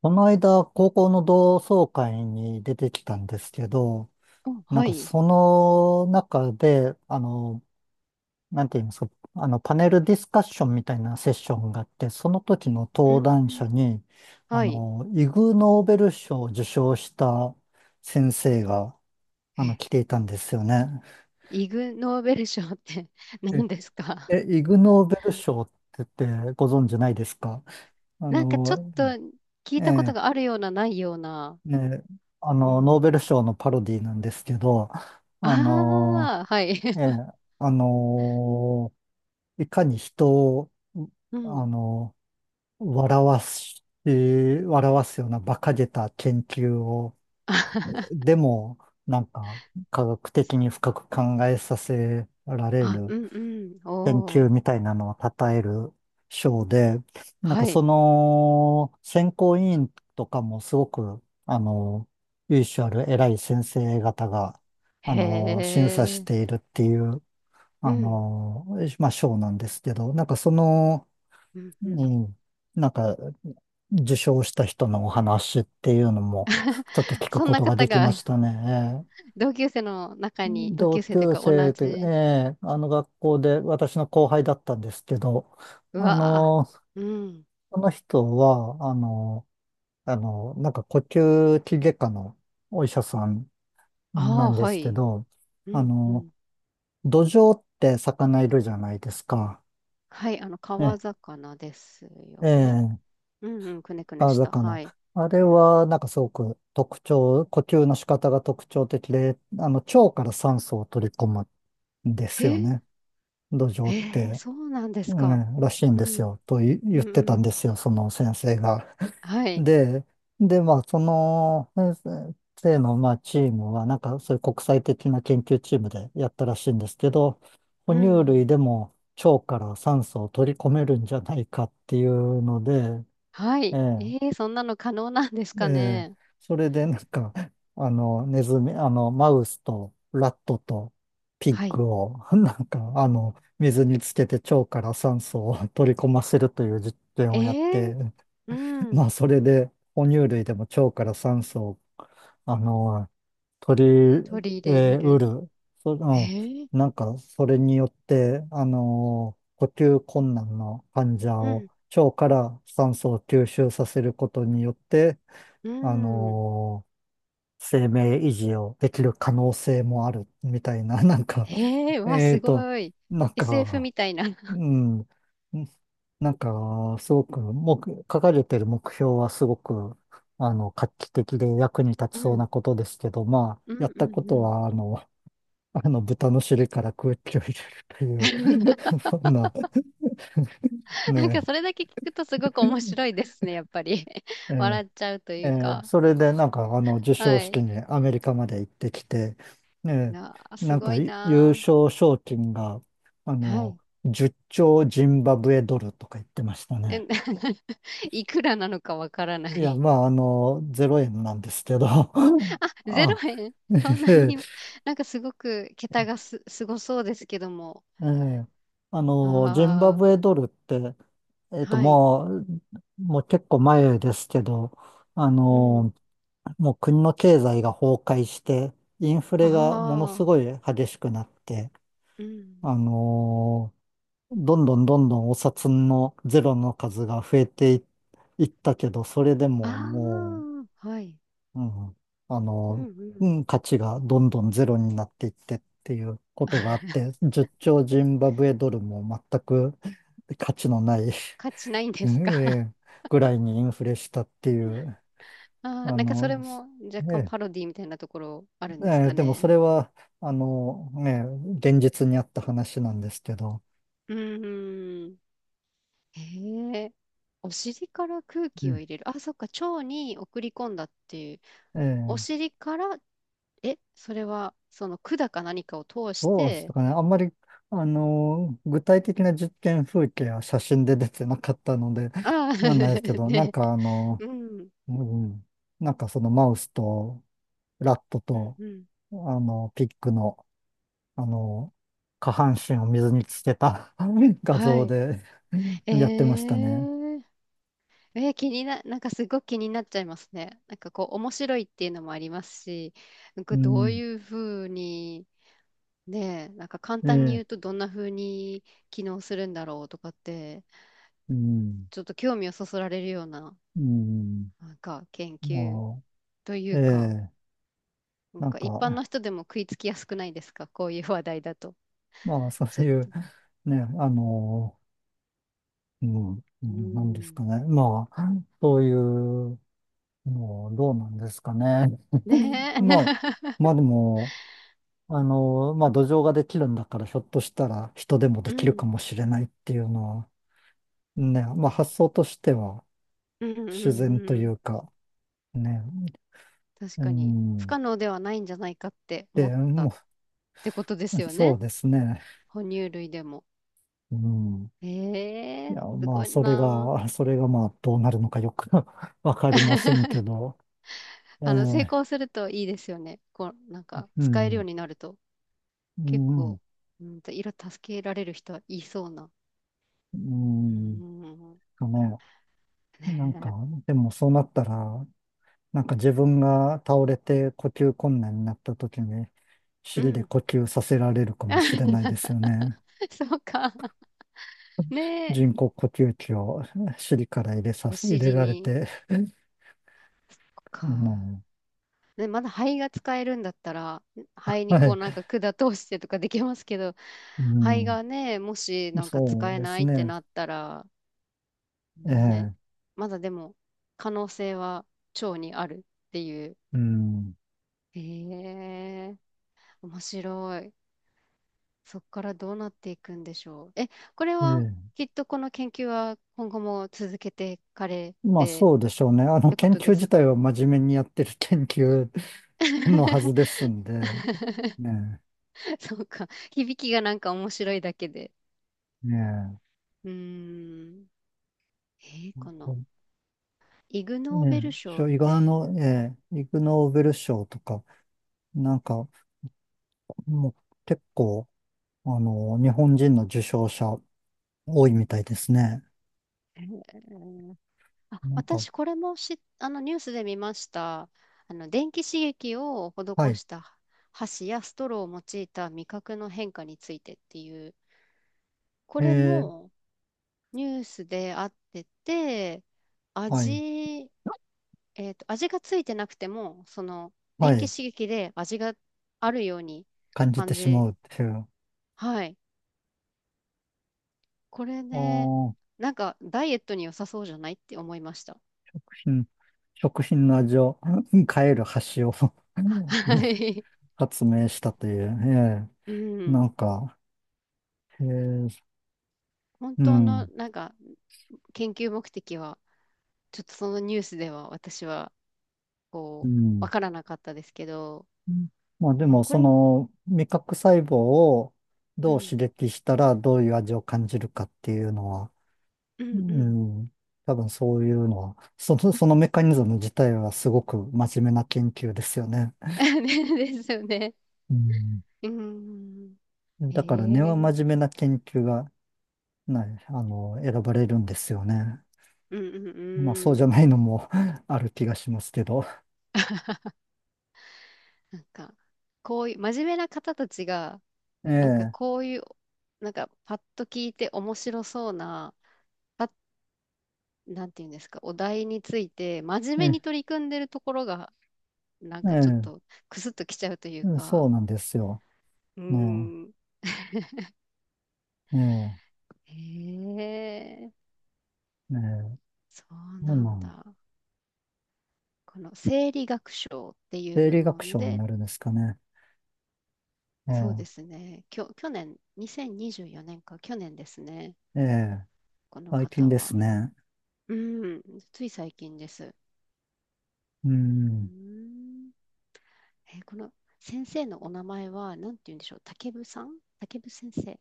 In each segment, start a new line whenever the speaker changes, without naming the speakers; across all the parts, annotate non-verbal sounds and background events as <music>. この間、高校の同窓会に出てきたんですけど、
お、
なん
は
か
い。
その中で、なんて言いますか、パネルディスカッションみたいなセッションがあって、その時の
うん
登
う
壇者
ん、
に、
はい。
イグ・ノーベル賞を受賞した先生が、
え
来ていたんですよね。
イグ・ノーベル賞って <laughs>
え、
何ですか？
イグ・ノーベル賞って言ってご存知ないですか。あ
なんかちょっ
の、
と聞
え
いたこと
え
があるような、ないような。
ね、
う
ノー
ん。
ベル賞のパロディなんですけど、あの、
ああ、はい。
ええ、
<laughs>
あの、いかに人を、
う
あ
ん。
の、笑わすような馬鹿げた研究を、
<laughs>
でも、なんか、科学的に深く考えさせられ
あ、
る
うんうん。
研
お
究
ー、
みたいなのを称える賞で、なん
は
かそ
い。
の選考委員とかもすごく、由緒ある偉い先生方が、
へ
審査し
え。
ているっていう、
う
あ
ん。
の、まあ、賞なんですけど、なんかその、
うんう
う
ん。
ん、なんか、受賞した人のお話っていうのも、ちょっと聞く
そん
こ
な
とが
方
でき
が
まし
<laughs>
たね。
同級生の中に、同
同
級生という
級
か同
生という、え
じ。
えあの学校で私の後輩だったんですけど、
う
あ
わあ。
の、
うん。
その人は、なんか呼吸器外科のお医者さん
あ
な
あ、
んで
は
すけ
い。
ど、
う
あ
んう
の、
ん。
土壌って魚いるじゃないですか。
はい。
え
川
え、
魚です
え
よね。
え、
うんうん、くねくね
川
した。は
魚。
い。
あれは、なんかすごく呼吸の仕方が特徴的で、腸から酸素を取り込むんで
へ
すよ
え、
ね。土壌っ
へえ、
て。
そうなんです
え
か。
えらしいん
う
です
ん、
よ、言
う
っ
ん、う
てたん
ん。
ですよ、その先生が。
はい。
で、で、まあ、その先生の、まあ、チームは、なんか、そういう国際的な研究チームでやったらしいんですけど、哺
う
乳
ん。
類でも腸から酸素を取り込めるんじゃないかっていうので、
は
え
い。
え
ええ、そんなの可能なんです
え
か
え、
ね？
それでなんか、<laughs> ネズミ、マウスとラットとピッ
はい。
グを、<laughs> なんか、水につけて腸から酸素を取り込ませるという実験
え
をやっ
え、
て、
う
<laughs> ま
ん。
あ、それで、哺乳類でも腸から酸素を、あの、取り、
取り入れ
え
れ
ー、う
る。
る。そ、
へえ、
うん、なんか、それによって、呼吸困難の患者
う
を
ん、
腸から酸素を吸収させることによって、
う
あ
ん。
の生命維持をできる可能性もあるみたいな、<laughs> なんか、
へえ、わ、
えっ
す
と、
ごい。
なん
SF
か、
みたいな。
うん、すごく、もう、書かれてる目標はすごく、画期的で役に立ち
う
そう
ん、
なことですけど、まあ、
う
や
ん、
っ
う
た
ん、
こ
う
と
ん。
は、豚の尻から空気を入れるという、
<laughs>
<laughs> そんな、
なんか
ね
それだけ聞くとすごく面白いですね、やっぱり。<laughs>
え、
笑っちゃうというか。
それでなんか授賞
はい。
式にアメリカまで行ってきて、ね
なあ、す
なん
ご
か
い
い優
な
勝賞金があ
あ。は
の
い。
10兆ジンバブエドルとか言ってました
え、
ね。
<laughs> いくらなのかわからな
いや、
い。
まあゼロ円なんですけど <laughs>
<laughs> ゼロ
あ、
円
<laughs>
<laughs> そんな
え
に、<laughs> なんかすごく桁がすごそうですけども。
えジンバ
あ
ブエドルって、
あ、はい。
もう、もう結構前ですけど、あ
うん。
のもう国の経済が崩壊して、インフ
あ
レがものす
あ、
ごい激しくなって、
うん。
あのーどんどんどんどんお札のゼロの数が増えてい、いったけど、それでも
あ
も
あ、はい。
う、うん、あ
うん
の
う
う
ん。
ん、価値がどんどんゼロになっていってっていうことがあっ
<laughs>
て、10兆ジンバブエドルも全く <laughs> 価値のない
価値ないん
<laughs>
で
え
すか？
えぐらいにインフレしたってい
<laughs>
う、
ああ、
あ
なんかそれ
の、
も若干
え
パロ
え
ディみたいなところあるん
え
です
え
か
でもそ
ね？
れは、ね、現実にあった話なんですけど、
うんうん。へえ。お尻から空
う
気を
ん
入れる。あ、そっか。腸に送り込んだっていう。お
ええ
尻から、それは、その管か何かを通し
どうです
て。
かね。あんまり、具体的な実験風景は写真で出てなかったので、
ああ、
わかんないですけ
<laughs>
ど、なん
ね、
か
うん、
うん、なんかそのマウスとラット
うん、
と、
うん。
ピッグの、あの、下半身を水につけた <laughs> 画
は
像
い。
で
え
やってましたね。
ー、えー気にな、なんかすごく気になっちゃいますね。なんかこう、面白いっていうのもありますし、なん
う
かどうい
ん、
うふうに、ねえ、なんか簡単に
え
言う
え
とどんなふうに機能するんだろうとかって、
うん、
ちょっと興味をそそられるような、
うん、
なんか研
ま
究とい
あえ
うか、
え、
なん
なん
か一般
か、
の人でも食いつきやすくないですか？こういう話題だと。
まあ、そ
ち
う
ょっ
い
と。
う、
う
ね、うん、う
ー
んなんですか
ん。
ね。まあ、そういうの、どうなんですかね。<laughs>
ね
まあ、
え。<laughs>
まあでも、まあ、土壌ができるんだから、ひょっとしたら人でも
う
できるか
ん。
もしれないっていうのは、ね、まあ、発想としては
うんうんう
自然
ん
と
う
い
ん。
うか、ね、
確
う
かに。不
ん、
可能ではないんじゃないかって思っ
で、
たっ
も
てことで
う、
すよ
そ
ね。
うですね。
哺乳類でも。
うん
え
い
え、
や、
す
まあ、
ごい
それ
な
が、<laughs> それがまあ、どうなるのかよく <laughs> わか
あ。
りませんけ
<laughs>
ど、え
成
え
功するといいですよね。こう、なんか、
う
使えるよう
ん、
になると。
う
結構、
ん、
色助けられる人はいそうな。
う
うー
ん、
ん。
とね、なんか、
ね
でもそうなったら、なんか自分が倒れて呼吸困難になった時に、
え。う
尻で
ん。
呼吸させられるかもしれないですよ
<laughs>
ね。
そうか。ねえ。
人工呼吸器を <laughs> 尻から
お
入れ
尻
られ
に。
て、<laughs>
そっ
う
か。
ん、
ね、まだ肺が使えるんだったら、肺に
は
こう
い、
なんか管通してとかできますけど、肺
う
がね、もし
ん、
なんか
そ
使
う
え
です
ないって
ね、
なったら、ね、
ええ
まだでも可能性は腸にあるっていう。
うん、
へえ、面白い。そこからどうなっていくんでしょう。え、これは
ええ
きっとこの研究は今後も続けていかれ
まあ
て
そうでしょうね。あ
っ
の
てこ
研
と
究
で
自
す
体
か？
は真面目にやってる研究のはずですんで、
<laughs>
ね
そうか。響きがなんか面白いだけで。
え、ね
うーん。えこのイグ・
え、
ノ
ね
ーベル
え、
賞っ
伊賀
て、
の、ええ、イグノーベル賞とか、なんかもう結構、日本人の受賞者多いみたいですね。
えーあ、
なんか、
私これもし、あのニュースで見ました。電気刺激を
は
施
い、
した箸やストローを用いた味覚の変化についてっていう、こ
え
れ
え、
もニュースであってて、
はい、
味、えっと、味がついてなくても、
は
電気
い、
刺激で味があるように
感じて
感
し
じ、
まうっていう、
はい。これ
あ
ね、
ー
なんか、ダイエットに良さそうじゃないって思いました。
うん食品の味を変える箸を <laughs>
はい。
発明したという、え
う
えな
ん。
んか、へえ
本
う
当の、
ん、
なんか、研究目的は、ちょっとそのニュースでは私は、
う
こう、わ
ん。
からなかったですけど、
まあで
ね、
も、
こ
そ
れも、
の、味覚細胞を
う
どう
ん、
刺激したらどういう味を感じるかっていうのは、
う
う
ん、うん。
ん、多分そういうのは、そのメカニズム自体はすごく真面目な研究ですよね。
<laughs> ねですよね。
うん。
うん。へ
だから根は
え。
真面目な研究が、ね、選ばれるんですよね。
うんうん
まあそうじ
う
ゃ
ん。
ないのも <laughs> ある気がしますけど。
なんか、こういう、真面目な方たちが、
え
なんか
え、
こういう、なんかパッと聞いて面白そうな、パなんていうんですか、お題について、真面
え
目に
え、
取り組んでるところが、なん
え
かちょっ
え、
と、くすっときちゃうという
そ
か、
うなんですよ。
う
ねえ
ん。
ええ、
へえ、
ええ、
そう
な
な
んな
ん
ん
だ。この生理学賞っていう
生
部
理学
門
賞に
で、
なるんですかね。
そうで
え
すね、去年、2024年か、去年ですね、
え、ええ、
この
最近
方
です
は。
ね。
うん、つい最近です。う
う
ー
ん。
ん。この先生のお名前は何て言うんでしょう、竹部先生っ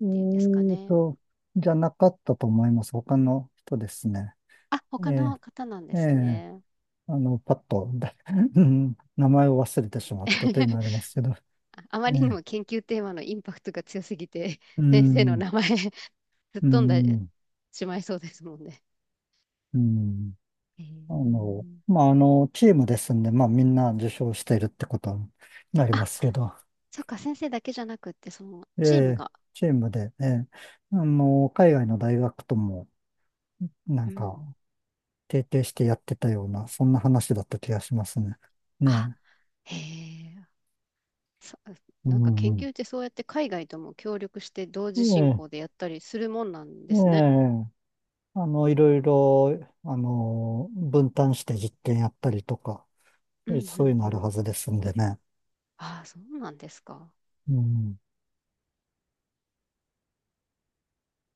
え
ていうんですか
ー
ね。
と、じゃなかったと思います。他の人ですね。
あ、
え
他
え、
の方なんで
え
す
え、
ね。
パッと、<laughs> うん名前を忘れてしまったというの
<laughs>
はありますけど。
ああま
え
りにも
え、
研究テーマのインパクトが強すぎて、
う
<laughs> 先生の
ん、
名前吹っ
う
飛んで
ん、
しまいそうですもんね。
うん。
へー、
まあ、チームですんで、まあ、みんな受賞しているってことになり
あ、
ますけど。
そっか、先生だけじゃなくって、その
え
チーム
え、
が。
チームで、ええ、海外の大学とも、な
う
んか、
ん。
提携してやってたような、そんな話だった気がしますね。
あ、
ねえ。
へえ、さ
う
なんか研
ん、う
究ってそうやって海外とも協力して同時進
ん。
行でやったりするもんなん
え
で
え、え
すね。
え、いろい
う
ろ、分担して実験やったりとか、
んう
そういう
ん
のあ
う
る
ん。
はずですんでね。
ああ、そうなんですか。
うん。